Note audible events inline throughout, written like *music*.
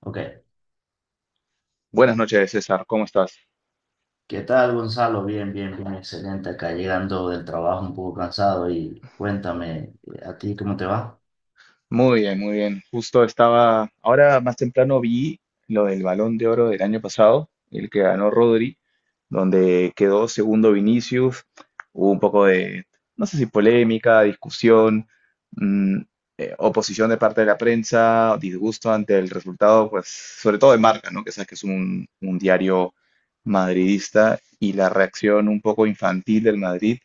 Ok, Buenas noches, César. ¿Cómo estás? ¿qué tal Gonzalo? Bien, bien, bien, excelente. Acá llegando del trabajo un poco cansado y cuéntame, ¿a ti cómo te va? Muy bien, muy bien. Justo estaba, ahora más temprano vi lo del Balón de Oro del año pasado, el que ganó Rodri, donde quedó segundo Vinicius. Hubo un poco de, no sé si polémica, discusión, mm, oposición de parte de la prensa, disgusto ante el resultado, pues sobre todo de Marca, ¿no? Que sabes que es un diario madridista, y la reacción un poco infantil del Madrid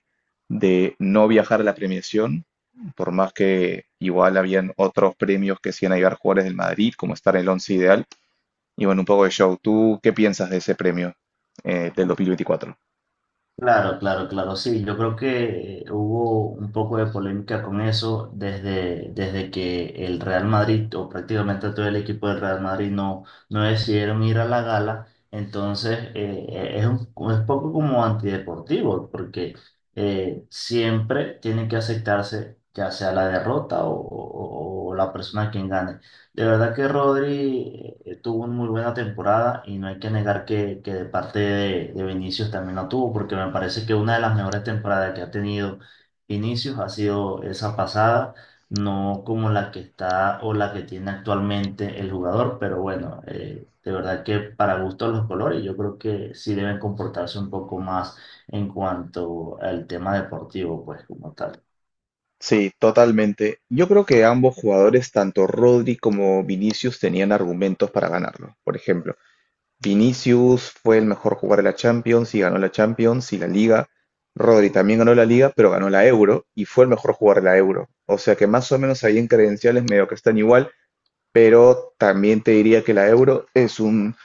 de no viajar a la premiación, por más que igual habían otros premios que hacían llegar jugadores del Madrid, como estar en el once ideal. Y bueno, un poco de show. ¿Tú qué piensas de ese premio del 2024? Claro, claro, claro, sí, yo creo que hubo un poco de polémica con eso desde, desde que el Real Madrid o prácticamente todo el equipo del Real Madrid no, no decidieron ir a la gala, entonces es un, es poco como antideportivo porque siempre tiene que aceptarse ya sea la derrota o, o la persona quien gane. De verdad que Rodri tuvo una muy buena temporada y no hay que negar que de parte de Vinicius también la tuvo, porque me parece que una de las mejores temporadas que ha tenido Vinicius ha sido esa pasada, no como la que está o la que tiene actualmente el jugador, pero bueno, de verdad que para gustos los colores, yo creo que sí deben comportarse un poco más en cuanto al tema deportivo, pues como tal. Sí, totalmente. Yo creo que ambos jugadores, tanto Rodri como Vinicius, tenían argumentos para ganarlo. Por ejemplo, Vinicius fue el mejor jugador de la Champions y ganó la Champions y la Liga. Rodri también ganó la Liga, pero ganó la Euro y fue el mejor jugador de la Euro. O sea que más o menos ahí en credenciales medio que están igual. Pero también te diría que la Euro es un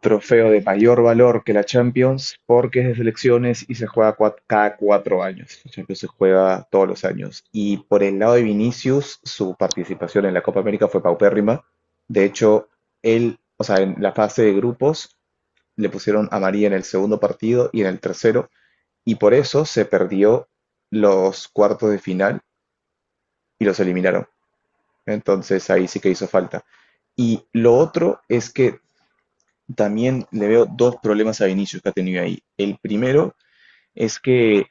trofeo de mayor valor que la Champions, porque es de selecciones y se juega cada 4 años. La Champions se juega todos los años. Y por el lado de Vinicius, su participación en la Copa América fue paupérrima. De hecho, él, o sea, en la fase de grupos le pusieron amarilla en el segundo partido y en el tercero, y por eso se perdió los cuartos de final y los eliminaron. Entonces ahí sí que hizo falta. Y lo otro es que también le veo dos problemas a Vinicius que ha tenido ahí. El primero es que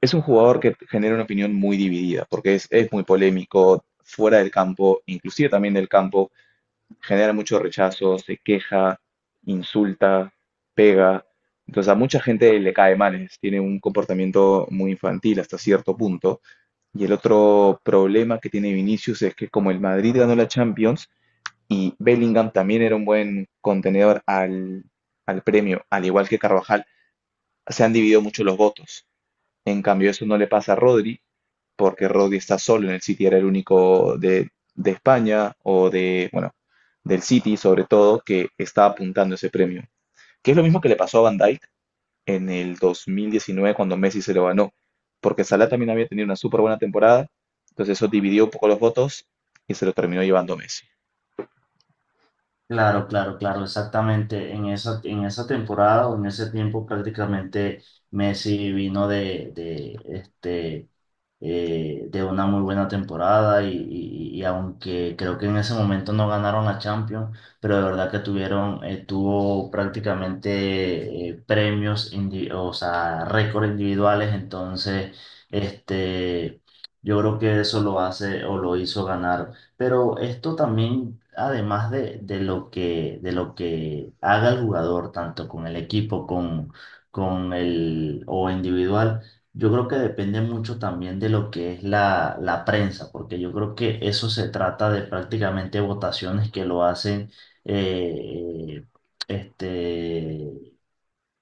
es un jugador que genera una opinión muy dividida, porque es muy polémico fuera del campo, inclusive también del campo, genera mucho rechazo, se queja, insulta, pega. Entonces a mucha gente le cae mal, tiene un comportamiento muy infantil hasta cierto punto. Y el otro problema que tiene Vinicius es que como el Madrid ganó la Champions, y Bellingham también era un buen contenedor al, al premio, al igual que Carvajal, se han dividido mucho los votos. En cambio, eso no le pasa a Rodri, porque Rodri está solo en el City, era el único de España o de, bueno, del City sobre todo, que está apuntando ese premio. Que es lo mismo que le pasó a Van Dijk en el 2019, cuando Messi se lo ganó, porque Salah también había tenido una súper buena temporada, entonces eso dividió un poco los votos y se lo terminó llevando Messi. Claro, claro, claro, exactamente. En esa temporada o en ese tiempo prácticamente Messi vino de, de una muy buena temporada y, y aunque creo que en ese momento no ganaron la Champions, pero de verdad que tuvieron, tuvo prácticamente premios, o sea, récords individuales, entonces, este, yo creo que eso lo hace o lo hizo ganar pero esto también, además de lo que haga el jugador, tanto con el equipo, con el o individual, yo creo que depende mucho también de lo que es la, la prensa, porque yo creo que eso se trata de prácticamente votaciones que lo hacen eh, este,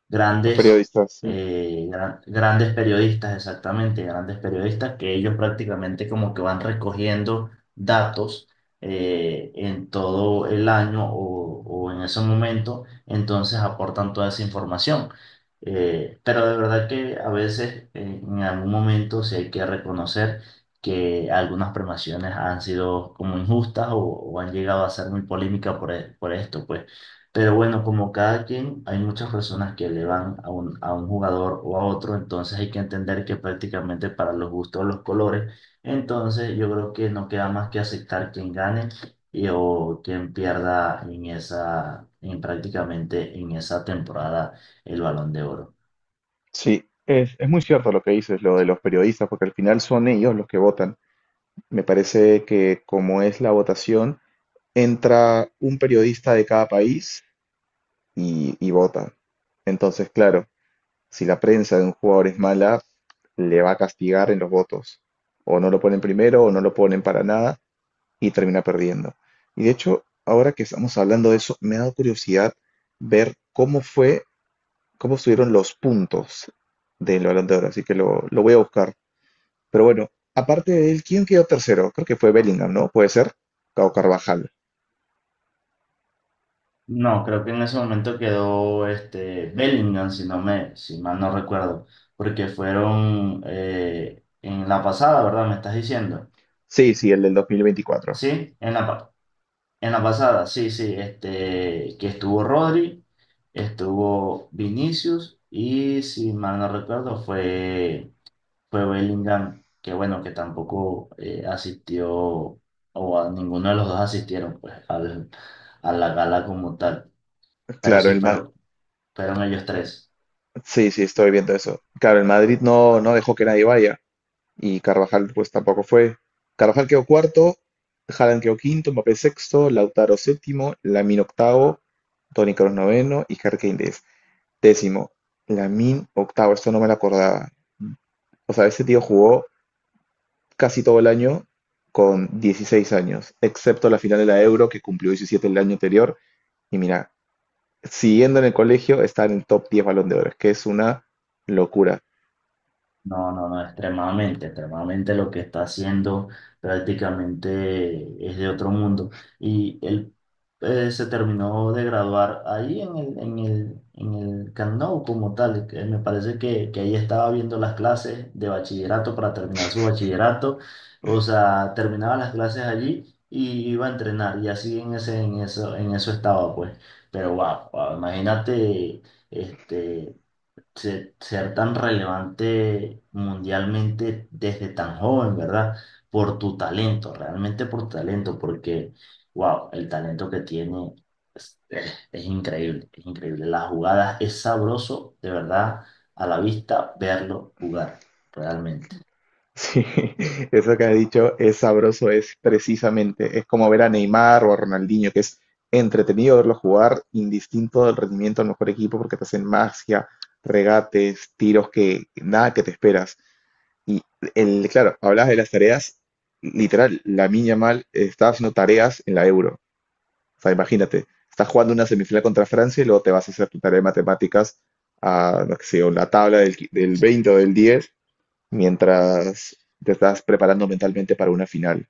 grandes, Sí. Grandes periodistas, exactamente, grandes periodistas, que ellos prácticamente como que van recogiendo datos en todo el año o en ese momento, entonces aportan toda esa información. Pero de verdad que a veces en algún momento sí hay que reconocer que algunas premiaciones han sido como injustas o han llegado a ser muy polémicas por, por esto, pues. Pero bueno, como cada quien, hay muchas personas que le van a un jugador o a otro, entonces hay que entender que prácticamente para los gustos los colores, entonces yo creo que no queda más que aceptar quien gane y, o quien pierda en esa, en prácticamente en esa temporada el Balón de Oro. Sí, es muy cierto lo que dices, lo de los periodistas, porque al final son ellos los que votan. Me parece que como es la votación, entra un periodista de cada país y vota. Entonces, claro, si la prensa de un jugador es mala, le va a castigar en los votos. O no lo ponen primero o no lo ponen para nada y termina perdiendo. Y de hecho, ahora que estamos hablando de eso, me ha dado curiosidad ver cómo fue, cómo estuvieron los puntos del Balón de Oro, así que lo voy a buscar. Pero bueno, aparte de él, ¿quién quedó tercero? Creo que fue Bellingham, ¿no? ¿Puede ser? Cabo Carvajal. No, creo que en ese momento quedó este Bellingham, si no me, si mal no recuerdo, porque fueron en la pasada, ¿verdad? ¿Me estás diciendo? Sí, sí, el del dos mil veinticuatro. Sí, en la, en la pasada, sí, sí, este, que estuvo Rodri, estuvo Vinicius y si mal no recuerdo fue, fue Bellingham, que bueno, que tampoco asistió o a ninguno de los dos asistieron pues al, a la gala como tal, pero Claro, sí, el pero fueron ellos tres. sí, sí, estoy viendo eso. Claro, el Madrid no dejó que nadie vaya, y Carvajal pues tampoco fue. Carvajal quedó cuarto, Haaland quedó quinto, Mbappé sexto, Lautaro séptimo, Lamine octavo, Toni Kroos noveno y Harry Kane décimo. Lamine octavo, esto no me lo acordaba. O sea, ese tío jugó casi todo el año con 16 años, excepto la final de la Euro que cumplió 17 el año anterior. Y mira, siguiendo en el colegio, está en el top 10 Balón de Oro, que es una locura. *laughs* No, no, no, extremadamente, extremadamente lo que está haciendo prácticamente es de otro mundo. Y él se terminó de graduar ahí en el, en el, en el Camp Nou como tal. Que me parece que ahí estaba viendo las clases de bachillerato para terminar su bachillerato. O sea, terminaba las clases allí y iba a entrenar. Y así en ese, en eso estaba, pues. Pero wow, wow, imagínate, este ser tan relevante mundialmente desde tan joven, ¿verdad? Por tu talento, realmente por tu talento, porque, wow, el talento que tiene es, es increíble, es increíble. Las jugadas, es sabroso, de verdad, a la vista, verlo jugar, realmente. Sí, eso que has dicho, es sabroso, es precisamente, es como ver a Neymar o a Ronaldinho, que es entretenido verlo jugar, indistinto del rendimiento del mejor equipo, porque te hacen magia, regates, tiros que nada que te esperas. El, claro, hablabas de las tareas, literal, la mía mal estaba haciendo tareas en la Euro. O sea, imagínate, estás jugando una semifinal contra Francia y luego te vas a hacer tu tarea de matemáticas a, no sé, o la tabla del, del 20 o del 10 mientras te estás preparando mentalmente para una final.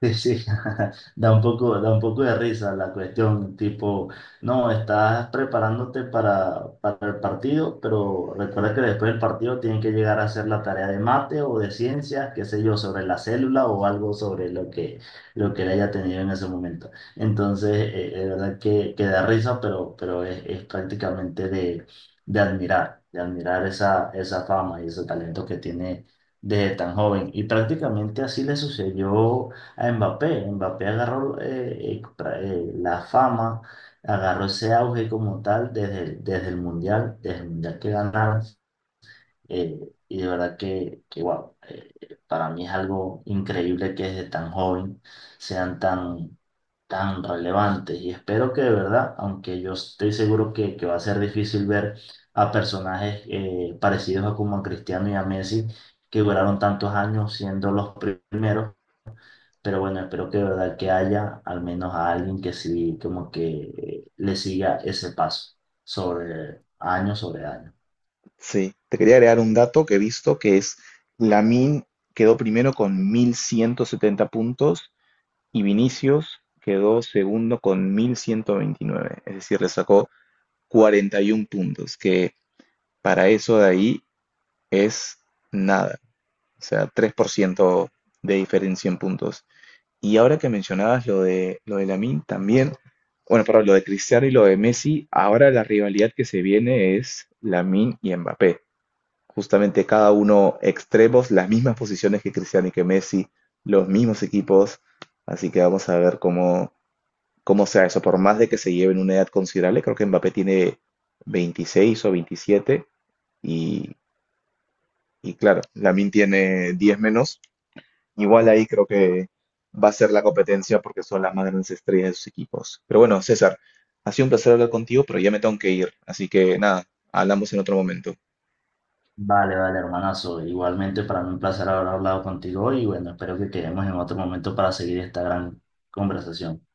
Sí, sí, *laughs* da un poco de risa la cuestión, tipo, no, estás preparándote para el partido, pero recuerda que después del partido tienen que llegar a hacer la tarea de mate o de ciencias, qué sé yo, sobre la célula o algo sobre lo que le haya tenido en ese momento. Entonces, de verdad que da risa, pero es prácticamente de admirar esa, esa fama y ese talento que tiene desde tan joven. Y prácticamente así le sucedió a Mbappé. Mbappé agarró la fama, agarró ese auge como tal desde, desde el Mundial que ganaron. eh, y de verdad que wow, para mí es algo increíble que desde tan joven sean tan, tan relevantes. Y espero que de verdad, aunque yo estoy seguro que va a ser difícil ver a personajes parecidos a como a Cristiano y a Messi, que duraron tantos años siendo los primeros pero bueno, espero que de verdad que haya al menos a alguien que sí, como que le siga ese paso sobre año sobre año. Sí, te quería agregar un dato que he visto, que es Lamin quedó primero con 1.170 puntos y Vinicius quedó segundo con 1.129. Es decir, le sacó 41 puntos, que para eso de ahí es nada, o sea, 3% de diferencia en puntos. Y ahora que mencionabas lo de Lamine también, bueno, perdón, lo de Cristiano y lo de Messi, ahora la rivalidad que se viene es Lamine y Mbappé. Justamente cada uno extremos, las mismas posiciones que Cristiano y que Messi, los mismos equipos, así que vamos a ver cómo como sea eso. Por más de que se lleven una edad considerable, creo que Mbappé tiene 26 o 27 y, y claro, Lamine tiene 10 menos. Igual ahí creo que va a ser la competencia, porque son las más grandes estrellas de sus equipos. Pero bueno, César, ha sido un placer hablar contigo, pero ya me tengo que ir, así que nada, hablamos en otro momento. Vale, vale, hermanazo. Igualmente para mí un placer haber hablado contigo hoy y bueno, espero que quedemos en otro momento para seguir esta gran conversación.